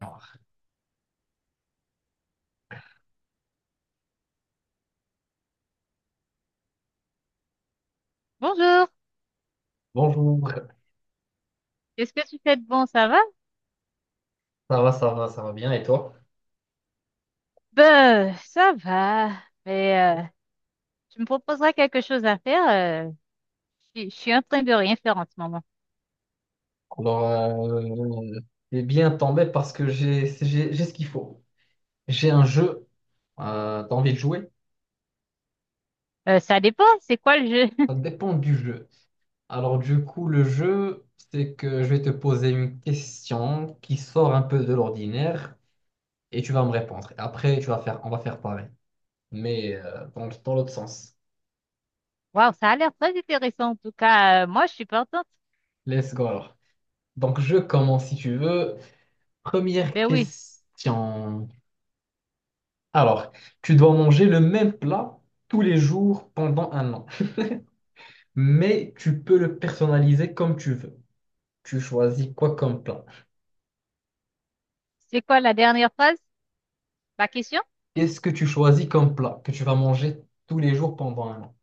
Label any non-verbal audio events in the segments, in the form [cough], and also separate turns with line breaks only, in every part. Alors,
Bonjour,
bonjour,
qu'est-ce que tu fais de bon, ça va?
ça va, ça va, ça va bien, et toi?
Ben, ça va, mais tu me proposeras quelque chose à faire. euh, je suis en train de rien faire en ce moment.
Alors, t'es bien tombé parce que j'ai ce qu'il faut. J'ai un jeu, t'as envie de jouer?
Ça dépend, c'est quoi le jeu?
Ça
[laughs]
dépend du jeu. Alors, du coup, le jeu, c'est que je vais te poser une question qui sort un peu de l'ordinaire et tu vas me répondre. Et après, tu vas faire, on va faire pareil, mais dans l'autre sens.
Waouh, ça a l'air très intéressant en tout cas. Moi, je suis partante.
Let's go alors. Donc, je commence si tu veux. Première
Ben oui,
question. Alors, tu dois manger le même plat tous les jours pendant un an, mais tu peux le personnaliser comme tu veux. Tu choisis quoi comme plat?
c'est quoi la dernière phrase? Ma question?
Qu'est-ce que tu choisis comme plat que tu vas manger tous les jours pendant un an?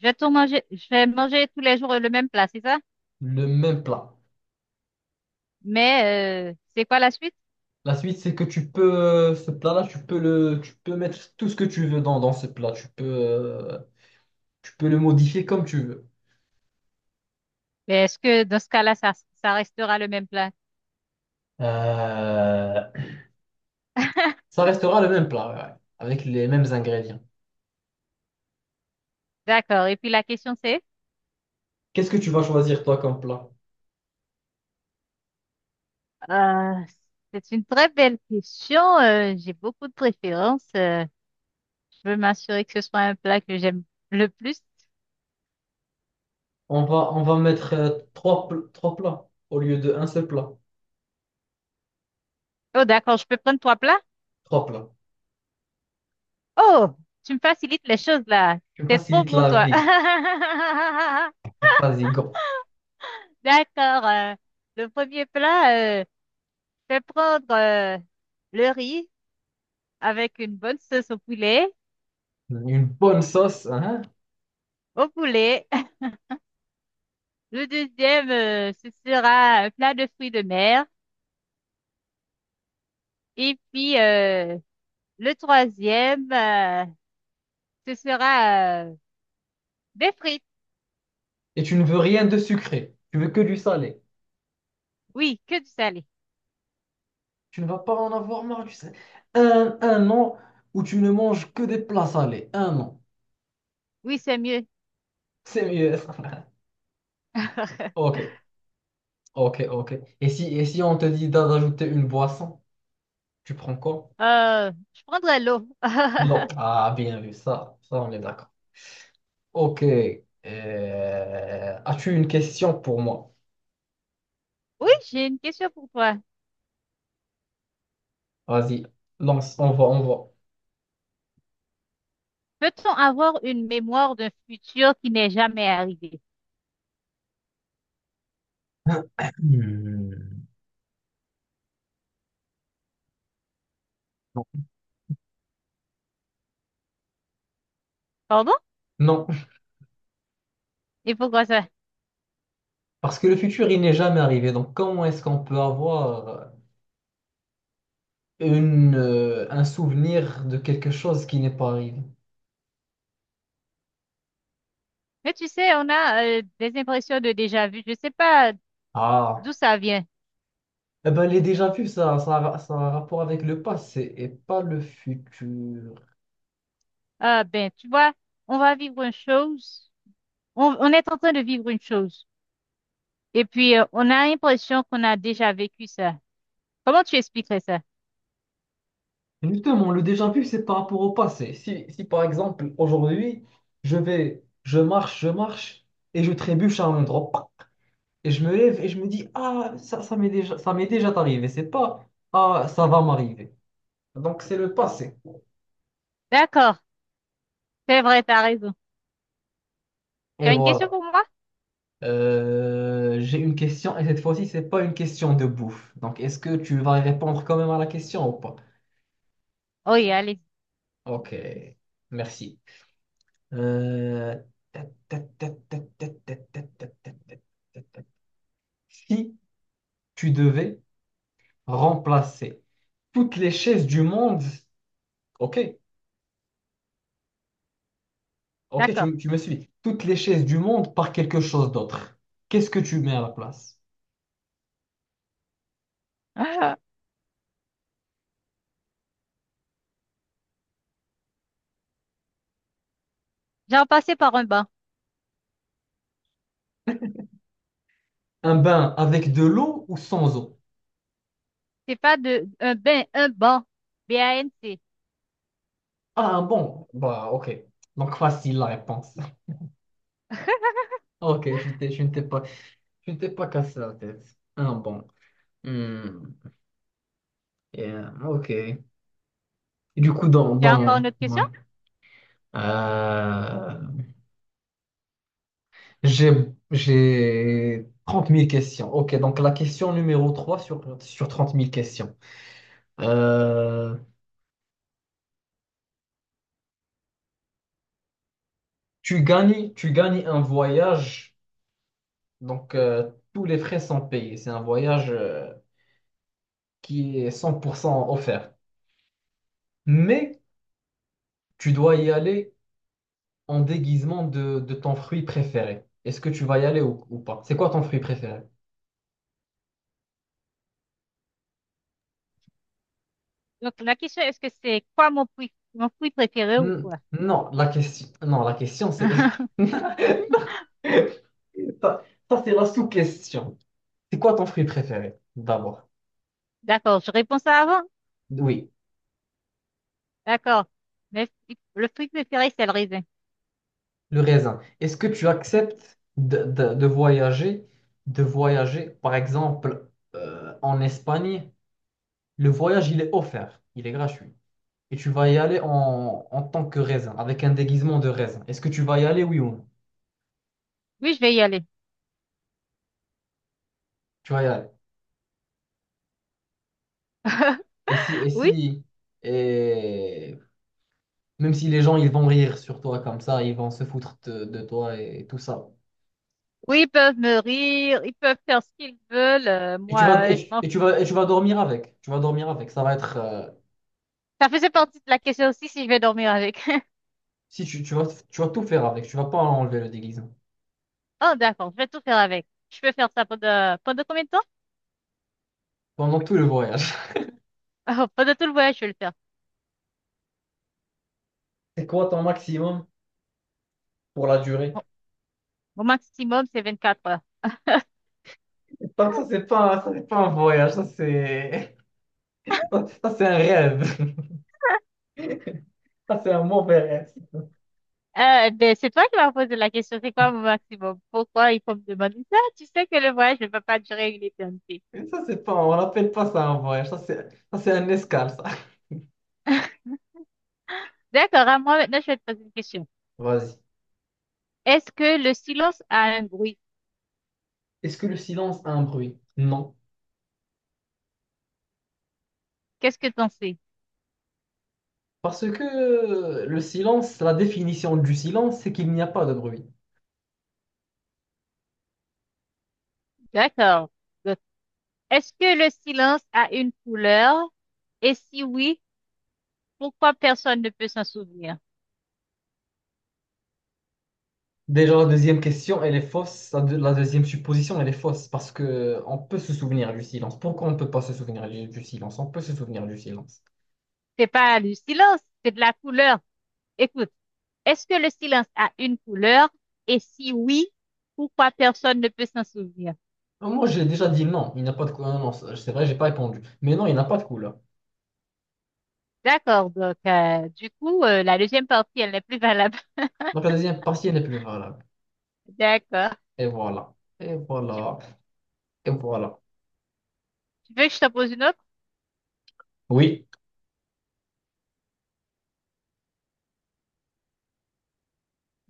Je vais tout manger, je vais manger tous les jours le même plat, c'est ça?
Le même plat.
Mais c'est quoi la suite?
La suite, c'est que tu peux, ce plat-là, tu peux mettre tout ce que tu veux dans, dans ce plat. Tu peux le modifier comme tu veux.
Mais est-ce que dans ce cas-là, ça restera le même plat?
Euh,
[laughs]
Ça restera le même plat, ouais, ouais, avec les mêmes ingrédients.
D'accord, et puis la question c'est?
Qu'est-ce que tu vas choisir toi comme plat?
Euh, c'est une très belle question. J'ai beaucoup de préférences. Je veux m'assurer que ce soit un plat que j'aime le plus.
On va mettre trois plats au lieu de un seul plat.
Oh, d'accord, je peux prendre trois plats?
Trois plats.
Oh, tu me facilites les choses là.
Tu me
T'es trop
facilites
bon,
la
toi.
vie.
[laughs]
Vas-y, go.
D'accord. Le premier plat, je vais prendre le riz avec une bonne sauce au poulet.
Une bonne sauce, hein?
Au poulet. [laughs] Le deuxième, ce sera un plat de fruits de mer. Et puis, le troisième, ce sera des frites.
Et tu ne veux rien de sucré. Tu veux que du salé.
Oui, que du salé.
Tu ne vas pas en avoir marre du salé. Un an où tu ne manges que des plats salés. Un an.
Oui, c'est mieux.
C'est mieux. [laughs]
[laughs]
Ok, ok, ok. Et si on te dit d'ajouter une boisson, tu prends quoi?
Je prendrai l'eau.
Non.
[laughs]
Ah, bien vu, ça, on est d'accord. Ok. As-tu une question pour moi?
Oui, j'ai une question pour toi.
Vas-y, lance, on va.
Peut-on avoir une mémoire d'un futur qui n'est jamais arrivé?
Hmm. Non.
Pardon? Et pourquoi ça?
Parce que le futur, il n'est jamais arrivé. Donc, comment est-ce qu'on peut avoir un souvenir de quelque chose qui n'est pas arrivé?
Mais tu sais, on a des impressions de déjà vu. Je sais pas
Ah,
d'où ça vient.
eh ben, les déjà-vus, ça a un rapport avec le passé et pas le futur.
Ah ben, tu vois, on va vivre une chose. On est en train de vivre une chose. Et puis, on a l'impression qu'on a déjà vécu ça. Comment tu expliquerais ça?
Justement, le déjà-vu, c'est par rapport au passé. Si par exemple, aujourd'hui, je marche, et je trébuche à un endroit. Et je me lève et je me dis, ah, ça m'est déjà arrivé. C'est pas, ah, ça va m'arriver. Donc, c'est le passé.
D'accord. C'est vrai, t'as raison.
Et
Tu as une question
voilà.
pour moi?
J'ai une question et cette fois-ci, c'est pas une question de bouffe. Donc, est-ce que tu vas répondre quand même à la question ou pas?
Oui, allez,
Ok, merci. Euh, ta- ta- ta- ta- ta- ta- ta- ta- ta- ta- ta- ta- Si tu devais remplacer toutes les chaises du monde, ok, ok,
d'accord.
tu me suis. Toutes les chaises du monde par quelque chose d'autre. Qu'est-ce que tu mets à la place?
[laughs] J'ai repassé par un banc.
Un bain avec de l'eau ou sans eau?
C'est pas de un bain, un banc. B-A-N-C.
Ah, un bon. Bah, ok. Donc, facile la réponse. [laughs] Ok, tu ne t'es pas cassé la tête. Un bon. Hmm, yeah, ok. Du coup,
Tu as encore une autre
ouais.
question?
Euh, j'ai, j'ai 30 000 questions. Ok, donc la question numéro 3 sur 30 000 questions. Euh, tu gagnes un voyage, donc tous les frais sont payés. C'est un voyage qui est 100% offert. Mais tu dois y aller en déguisement de ton fruit préféré. Est-ce que tu vas y aller ou pas? C'est quoi ton fruit préféré?
Donc la question, est-ce que c'est quoi mon fruit préféré ou
Hmm,
quoi?
non, la question, non, la question c'est...
[laughs]
[laughs] Ça, ça, c'est la sous-question. C'est quoi ton fruit préféré, d'abord?
D'accord, je réponds ça avant.
Oui,
D'accord. Mais le fruit préféré, c'est le raisin.
le raisin. Est-ce que tu acceptes de, de voyager, par exemple, en Espagne, le voyage, il est offert, il est gratuit. Et tu vas y aller en, en tant que raisin, avec un déguisement de raisin. Est-ce que tu vas y aller, oui ou non?
Oui, je vais y aller.
Tu vas y aller.
[laughs]
Et si, et
Oui,
si, et même si les gens, ils vont rire sur toi comme ça, ils vont se foutre de toi et, tout ça.
oui, ils peuvent me rire, ils peuvent faire ce qu'ils veulent. Moi, je m'en fous.
Et tu vas dormir avec. Tu vas dormir avec. Ça va être,
Ça faisait partie de la question aussi si je vais dormir avec. [laughs]
si tu vas, tu vas, tout faire avec. Tu vas pas enlever le déguisement.
Oh, d'accord, je vais tout faire avec. Je peux faire ça pendant, pendant combien de temps? [laughs]
Pendant tout le voyage. [laughs]
Oh, pendant tout le voyage, je vais le faire.
C'est quoi ton maximum pour la durée?
Bon, mon maximum, c'est 24 heures.
Donc ça, c'est pas un voyage, ça, c'est, [laughs] ça, c'est un rêve. [laughs] Ça, c'est un mauvais rêve.
Ben, c'est toi qui m'as posé la question, c'est quoi mon maximum? Pourquoi il faut me demander ça? Tu sais que le voyage ne va pas durer une éternité.
Et ça, c'est pas, on n'appelle pas ça un voyage, ça, c'est un escale, ça.
[laughs] D'accord, à moi maintenant, je vais te poser une question.
Vas-y.
Est-ce que le silence a un bruit?
Est-ce que le silence a un bruit? Non.
Qu'est-ce que t'en sais?
Parce que le silence, la définition du silence, c'est qu'il n'y a pas de bruit.
D'accord. Est-ce que le silence a une couleur? Et si oui, pourquoi personne ne peut s'en souvenir?
Déjà, la deuxième question, elle est fausse. La deuxième supposition, elle est fausse parce que on peut se souvenir du silence. Pourquoi on ne peut pas se souvenir du silence? On peut se souvenir du silence.
C'est pas du silence, c'est de la couleur. Écoute, est-ce que le silence a une couleur? Et si oui, pourquoi personne ne peut s'en souvenir?
Non, moi, j'ai déjà dit non, il n'y a pas de couleur. Non, c'est vrai, j'ai pas répondu. Mais non, il n'y a pas de couleur.
D'accord, donc du coup, la deuxième partie, elle n'est plus valable.
Donc, la deuxième partie, elle est plus valable.
[laughs] D'accord.
Et voilà. Et
Tu,
voilà. Et voilà.
Tu veux que je te pose une autre?
Oui.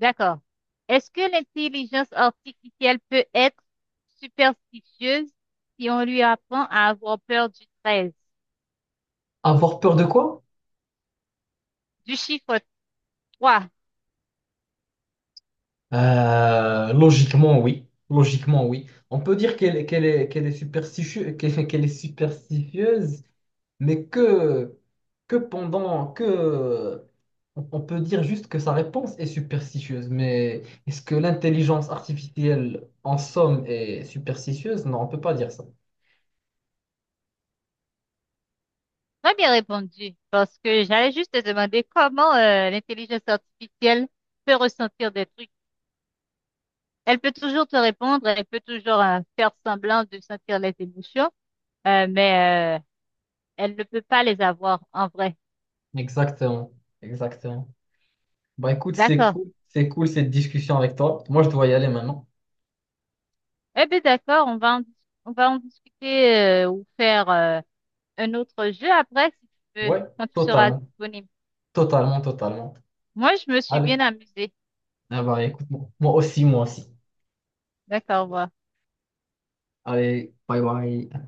D'accord. Est-ce que l'intelligence artificielle peut être superstitieuse si on lui apprend à avoir peur du 13?
Avoir peur de quoi?
Du chiffre 3.
Logiquement, oui. Logiquement, oui. On peut dire qu'elle est superstitieuse, qu'elle est superstitieuse. Mais que pendant que on peut dire juste que sa réponse est superstitieuse, mais est-ce que l'intelligence artificielle en somme est superstitieuse? Non, on peut pas dire ça.
Très bien répondu, parce que j'allais juste te demander comment l'intelligence artificielle peut ressentir des trucs. Elle peut toujours te répondre, elle peut toujours faire semblant de sentir les émotions, mais elle ne peut pas les avoir en vrai.
Exactement, exactement. Bah écoute,
D'accord.
c'est cool cette discussion avec toi. Moi, je dois y aller maintenant.
Eh bien, d'accord, on va en discuter ou faire un autre jeu après, si tu veux,
Ouais,
quand tu seras
totalement,
disponible.
totalement, totalement.
Moi, je me suis
Allez,
bien amusée.
ah bah écoute, moi aussi, moi aussi.
D'accord, au revoir.
Allez, bye bye.